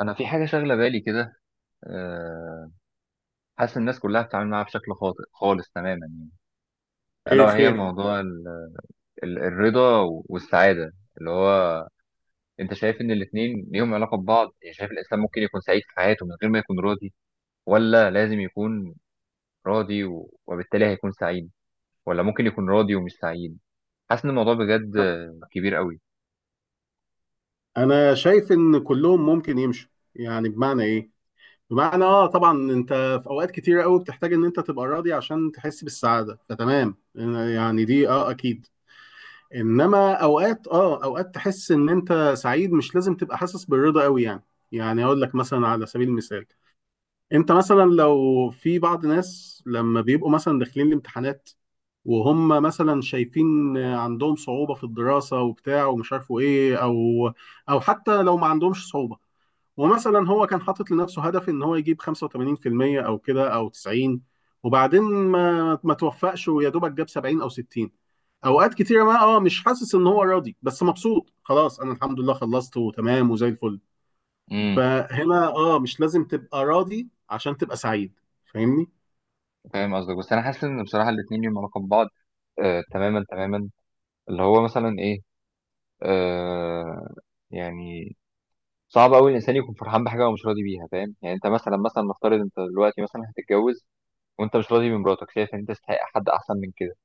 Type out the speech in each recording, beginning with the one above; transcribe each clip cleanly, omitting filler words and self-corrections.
انا في حاجه شاغله بالي كده. آه، حاسس الناس كلها بتتعامل معاها بشكل خاطئ خالص تماما، الا ايه وهي خير؟ موضوع الرضا والسعاده. اللي هو انت شايف ان الاثنين ليهم علاقه ببعض؟ يعني شايف الانسان ممكن يكون سعيد في حياته من غير ما يكون راضي، ولا لازم يكون راضي وبالتالي هيكون سعيد، ولا ممكن يكون راضي ومش سعيد؟ حاسس ان الموضوع بجد كبير قوي. انا شايف ان كلهم ممكن يمشوا. يعني بمعنى ايه؟ بمعنى طبعا انت في اوقات كتيره قوي بتحتاج ان انت تبقى راضي عشان تحس بالسعاده، فتمام. يعني دي اكيد. انما اوقات اوقات تحس ان انت سعيد، مش لازم تبقى حاسس بالرضا قوي يعني. يعني اقول لك مثلا على سبيل المثال، انت مثلا لو في بعض ناس لما بيبقوا مثلا داخلين الامتحانات، وهم مثلا شايفين عندهم صعوبة في الدراسة وبتاع، ومش عارفوا ايه، او حتى لو ما عندهمش صعوبة، ومثلا هو كان حاطط لنفسه هدف ان هو يجيب 85%، او كده، او 90، وبعدين ما توفقش ويا دوبك جاب 70 او 60. اوقات كتيرة ما اه مش حاسس ان هو راضي، بس مبسوط. خلاص، انا الحمد لله خلصت وتمام وزي الفل. امم. فهنا مش لازم تبقى راضي عشان تبقى سعيد. فاهمني؟ فاهم قصدك، بس انا حاسس ان بصراحه الاثنين ليهم علاقه ببعض، تماما تماما. اللي هو مثلا ايه؟ آه يعني صعب قوي الانسان يكون فرحان بحاجه هو مش راضي بيها، فاهم؟ يعني انت مثلا، نفترض انت دلوقتي مثلا هتتجوز، وانت مش راضي بمراتك، شايف ان انت تستحق حد احسن من كده،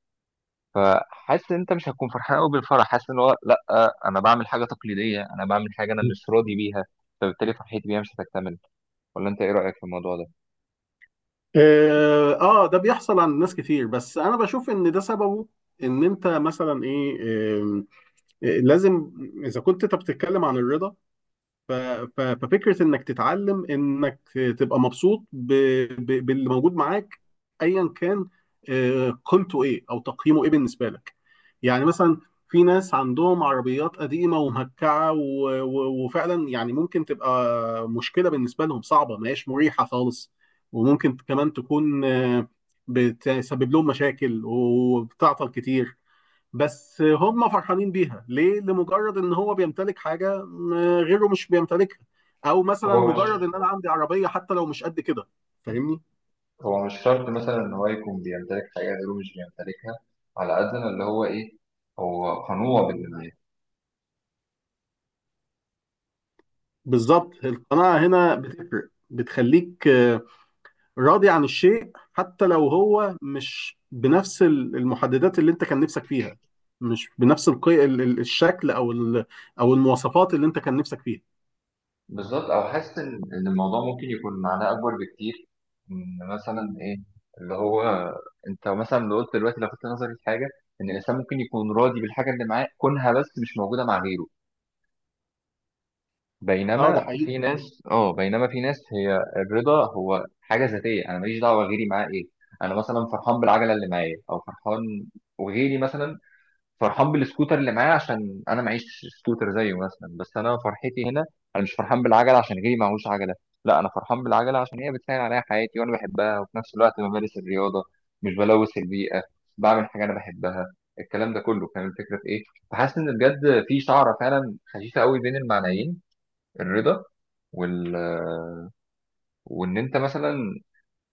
فحاسس ان انت مش هتكون فرحان قوي بالفرح. حاسس ان هو لا، انا بعمل حاجه تقليديه، انا بعمل حاجه انا مش راضي بيها، فبالتالي فرحتي بيها مش هتكتمل. ولا انت ايه رايك في الموضوع ده؟ ده بيحصل عند ناس كتير، بس انا بشوف ان ده سببه ان انت مثلا ايه. آم، لازم، اذا كنت انت بتتكلم عن الرضا، ف- ففكرة انك تتعلم انك تبقى مبسوط باللي موجود معاك، ايا كان قيمته ايه او تقييمه ايه بالنسبة لك. يعني مثلا في ناس عندهم عربيات قديمة ومهكعة وفعلا يعني ممكن تبقى مشكلة بالنسبة لهم صعبة، ما هياش مريحة خالص، وممكن كمان تكون بتسبب لهم مشاكل وبتعطل كتير. بس هم فرحانين بيها ليه؟ لمجرد ان هو بيمتلك حاجه غيره مش بيمتلكها، او مثلا هو مجرد مش ان انا عندي عربيه حتى لو مش قد كده. فاهمني؟ هو مش شرط مثلا ان هو يكون بيمتلك حاجات غيره مش بيمتلكها، على قد ما اللي هو ايه، هو قنوع باللي معاه. بالظبط، القناعه هنا بتفرق، بتخليك راضي عن الشيء حتى لو هو مش بنفس المحددات اللي انت كان نفسك فيها، مش بنفس الشكل او المواصفات اللي انت كان نفسك فيها. بالظبط. او حاسس ان إن الموضوع ممكن يكون معناه اكبر بكتير. ان مثلا ايه، اللي هو انت مثلا لو قلت دلوقتي، لفت نظري في حاجه، ان الانسان ممكن يكون راضي بالحاجه اللي معاه كونها بس مش موجوده مع غيره. اه ده حقيقي. بينما في ناس هي الرضا هو حاجه ذاتيه، انا ماليش دعوه غيري معاه. ايه، انا مثلا فرحان بالعجله اللي معايا، او فرحان، وغيري مثلا فرحان بالسكوتر اللي معايا، عشان انا معيش سكوتر زيه مثلا. بس انا فرحتي هنا، انا مش فرحان بالعجله عشان غيري معهوش عجله، لا، انا فرحان بالعجله عشان هي بتسهل عليا حياتي وانا بحبها، وفي نفس الوقت بمارس الرياضه، مش بلوث البيئه، بعمل حاجه انا بحبها. الكلام ده كله فاهم الفكره في ايه؟ فحاسس ان بجد في شعره فعلا خفيفه قوي بين المعنيين، الرضا وال... وان انت مثلا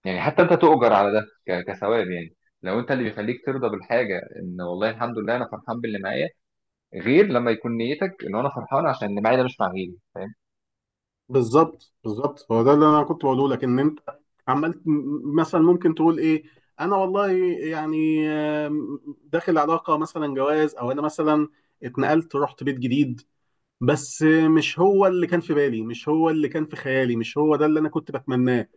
يعني، حتى انت تؤجر على ده كثواب يعني. لو انت اللي بيخليك ترضى بالحاجه ان والله الحمد لله انا فرحان باللي معايا، غير لما يكون نيتك ان انا فرحان عشان اللي معايا ده مش مع غيري. فاهم؟ بالظبط، بالظبط، هو ده اللي انا كنت بقوله لك، ان انت عمال مثلا ممكن تقول ايه: انا والله يعني داخل علاقه مثلا جواز، او انا مثلا اتنقلت رحت بيت جديد، بس مش هو اللي كان في بالي، مش هو اللي كان في خيالي، مش هو ده اللي انا كنت بتمناه.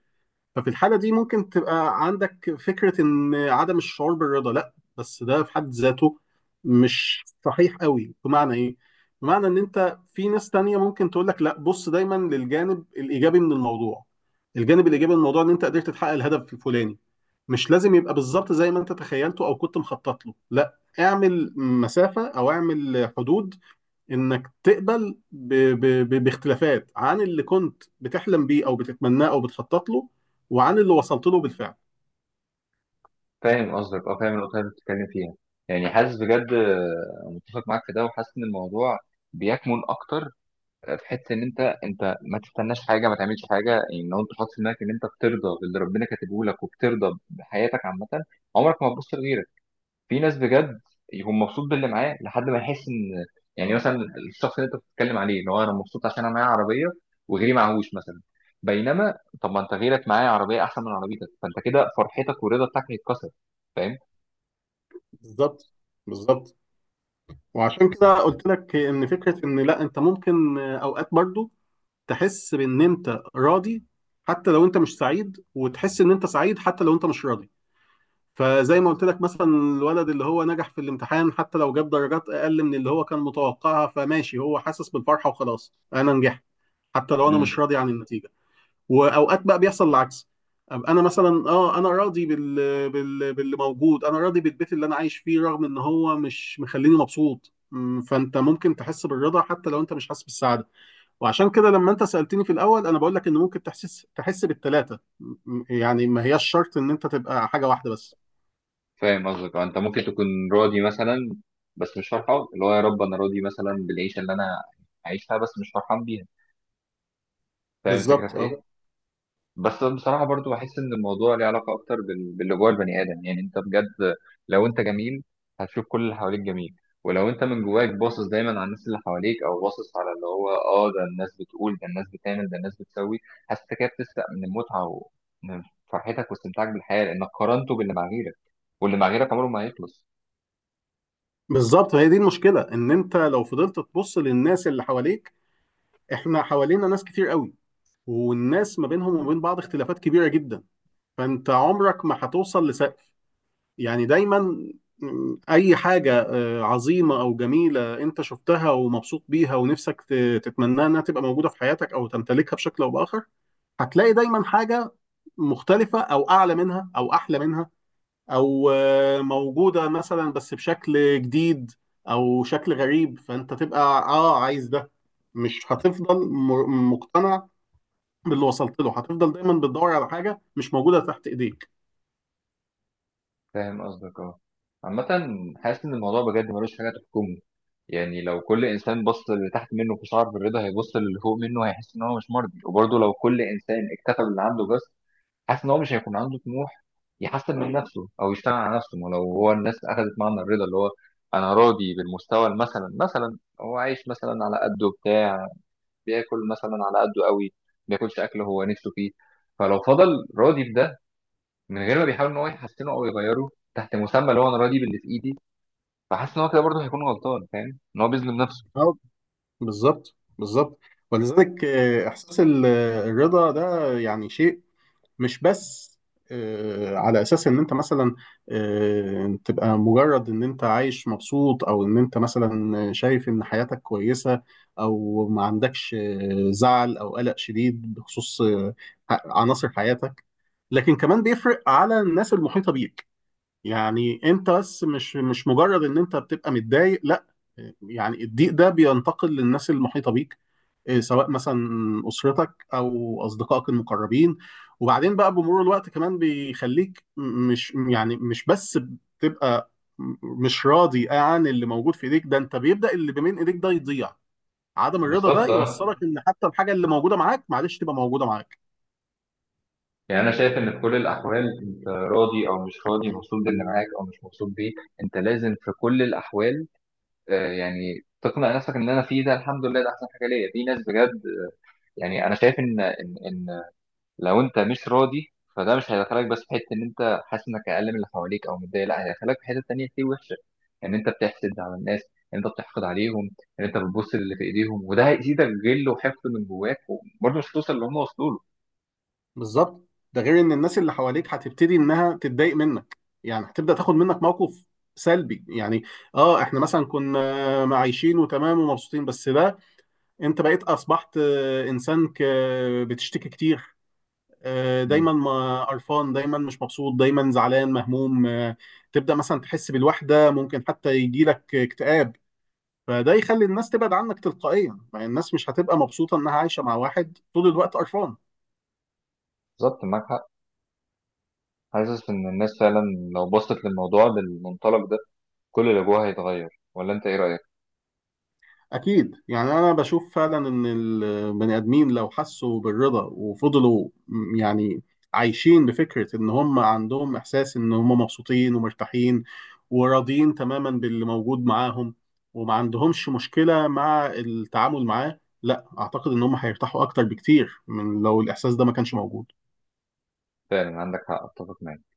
ففي الحالة دي ممكن تبقى عندك فكرة إن عدم الشعور بالرضا، لأ، بس ده في حد ذاته مش صحيح قوي. بمعنى إيه؟ بمعنى إن أنت في ناس تانية ممكن تقول لك: لأ، بص دايما للجانب الإيجابي من الموضوع. الجانب الإيجابي من الموضوع إن أنت قدرت تحقق الهدف الفلاني، مش لازم يبقى بالظبط زي ما أنت تخيلته أو كنت مخطط له. لأ، اعمل مسافة أو اعمل حدود انك تقبل باختلافات عن اللي كنت بتحلم بيه او بتتمناه او بتخطط له، وعن اللي وصلت له بالفعل. فاهم قصدك. اه فاهم النقطه اللي أنت بتتكلم فيها. يعني حاسس بجد، متفق معاك في ده، وحاسس ان الموضوع بيكمن اكتر في حته ان انت ما تستناش حاجه، ما تعملش حاجه. يعني لو انت حاطط في دماغك ان انت بترضى باللي ربنا كاتبه لك، وبترضى بحياتك عامه، عمرك ما هتبص لغيرك. في ناس بجد يكون مبسوط باللي معاه لحد ما يحس ان، يعني مثلا الشخص اللي انت بتتكلم عليه، ان هو انا مبسوط عشان انا معايا عربيه وغيري معهوش مثلا. بينما طب ما انت غيرك معاه عربيه احسن من عربيتك، فانت كده فرحتك والرضا بتاعك هيتكسر. فاهم؟ بالظبط، بالظبط. وعشان كده قلت لك ان فكره ان لا، انت ممكن اوقات برضو تحس بان انت راضي حتى لو انت مش سعيد، وتحس ان انت سعيد حتى لو انت مش راضي. فزي ما قلت لك مثلا، الولد اللي هو نجح في الامتحان حتى لو جاب درجات اقل من اللي هو كان متوقعها، فماشي هو حاسس بالفرحه وخلاص، انا نجحت حتى لو انا مم. مش راضي عن النتيجه. واوقات بقى بيحصل العكس، أبقى انا مثلا انا راضي باللي موجود، انا راضي بالبيت اللي انا عايش فيه رغم ان هو مش مخليني مبسوط. فانت ممكن تحس بالرضا حتى لو انت مش حاسس بالسعاده. وعشان كده لما انت سالتني في الاول، انا بقول لك ان ممكن تحس بالثلاثه. يعني ما هياش شرط ان انت تبقى حاجه واحده بس. فاهم قصدك. انت ممكن تكون راضي مثلا بس مش فرحان. اللي هو يا رب انا راضي مثلا بالعيشه اللي انا عايشها بس مش فرحان بيها. فاهم الفكره في بالظبط، ايه؟ بس بصراحة برضو بحس إن الموضوع ليه علاقة أكتر باللي جوه البني آدم. يعني أنت بجد لو أنت جميل هتشوف كل اللي حواليك جميل. ولو أنت من جواك باصص دايما على الناس اللي حواليك، أو باصص على اللي هو ده الناس بتقول، ده الناس بتعمل، ده الناس بتسوي، حاسس إنك كده بتسرق من المتعة ومن فرحتك واستمتاعك بالحياة، لأنك قارنته باللي مع غيرك، واللي مع غيرك عمره ما هيخلص. بالظبط، هي دي المشكله، ان انت لو فضلت تبص للناس اللي حواليك، احنا حوالينا ناس كتير قوي، والناس ما بينهم وما بين بعض اختلافات كبيره جدا. فانت عمرك ما هتوصل لسقف. يعني دايما اي حاجه عظيمه او جميله انت شفتها ومبسوط بيها ونفسك تتمناها انها تبقى موجوده في حياتك او تمتلكها بشكل او باخر، هتلاقي دايما حاجه مختلفه او اعلى منها او احلى منها، او موجوده مثلا بس بشكل جديد او شكل غريب، فانت تبقى عايز ده. مش هتفضل مقتنع باللي وصلت له، هتفضل دايما بتدور على حاجه مش موجوده تحت ايديك. فاهم قصدك. اه عامة حاسس إن الموضوع بجد ملوش حاجة تحكمه. يعني لو كل إنسان بص للي تحت منه في شعر بالرضا، هيبص للي فوق منه هيحس إن هو مش مرضي. وبرضه لو كل إنسان اكتفى باللي عنده بس، حاسس إن هو مش هيكون عنده طموح يحسن من نفسه أو يشتغل على نفسه. ما لو هو الناس أخذت معنى الرضا اللي هو أنا راضي بالمستوى، مثلا مثلا هو عايش مثلا على قده بتاع، بياكل مثلا على قده قوي، ما بياكلش أكل هو نفسه فيه، فلو فضل راضي بده من غير ما بيحاول ان هو يحسنه او يغيره، تحت مسمى اللي هو انا راضي باللي في ايدي، فحاسس ان هو كده برضه هيكون غلطان، فاهم ان هو بيظلم نفسه. بالظبط، بالظبط. ولذلك احساس الرضا ده يعني شيء مش بس على اساس ان انت مثلا تبقى مجرد ان انت عايش مبسوط، او ان انت مثلا شايف ان حياتك كويسة، او ما عندكش زعل او قلق شديد بخصوص عناصر حياتك، لكن كمان بيفرق على الناس المحيطة بيك. يعني انت بس مش مجرد ان انت بتبقى متضايق، لا، يعني الضيق ده بينتقل للناس المحيطة بيك. إيه، سواء مثلا أسرتك أو أصدقائك المقربين. وبعدين بقى بمرور الوقت كمان بيخليك مش يعني مش بس بتبقى م- مش راضي عن اللي موجود في ايديك، ده انت بيبدأ اللي بين ايديك ده يضيع. عدم الرضا ده بالظبط، اه. يوصلك ان حتى الحاجة اللي موجودة معاك، معلش، تبقى موجودة معاك. يعني انا شايف ان في كل الاحوال، انت راضي او مش راضي، مبسوط باللي معاك او مش مبسوط بيه، انت لازم في كل الاحوال يعني تقنع نفسك ان انا فيه ده الحمد لله، ده احسن حاجه ليا. في ناس بجد يعني انا شايف ان لو انت مش راضي، فده مش هيدخلك بس في حته ان انت حاسس انك اقل من اللي حواليك او متضايق، لا، هيدخلك في حته تانيه كتير وحشه. ان انت بتحسد على الناس، ان انت بتحقد عليهم، ان انت بتبص للي في ايديهم، وده هيزيدك غل وحقد من جواك، وبرضه مش هتوصل اللي هم وصلوا له. بالظبط. ده غير ان الناس اللي حواليك هتبتدي انها تتضايق منك، يعني هتبدا تاخد منك موقف سلبي يعني. اه احنا مثلا كنا عايشين وتمام ومبسوطين، بس ده انت بقيت اصبحت انسان بتشتكي كتير، مم. دايما، قرفان دايما، مش مبسوط دايما، زعلان مهموم، تبدا مثلا تحس بالوحده، ممكن حتى يجي لك اكتئاب، فده يخلي الناس تبعد عنك تلقائيا. مع الناس مش هتبقى مبسوطه انها عايشه مع واحد طول الوقت قرفان. بالظبط، معاك حق. حاسس ان الناس فعلا لو بصت للموضوع بالمنطلق ده، كل اللي جواها هيتغير. ولا انت ايه رايك؟ أكيد. يعني أنا بشوف فعلا إن البني آدمين لو حسوا بالرضا وفضلوا يعني عايشين بفكرة إن هم عندهم إحساس إن هم مبسوطين ومرتاحين وراضيين تماما باللي موجود معاهم وما عندهمش مشكلة مع التعامل معاه، لا، أعتقد إن هم هيرتاحوا أكتر بكتير من لو الإحساس ده ما كانش موجود. فعلا عندك حق، اتفق معاك.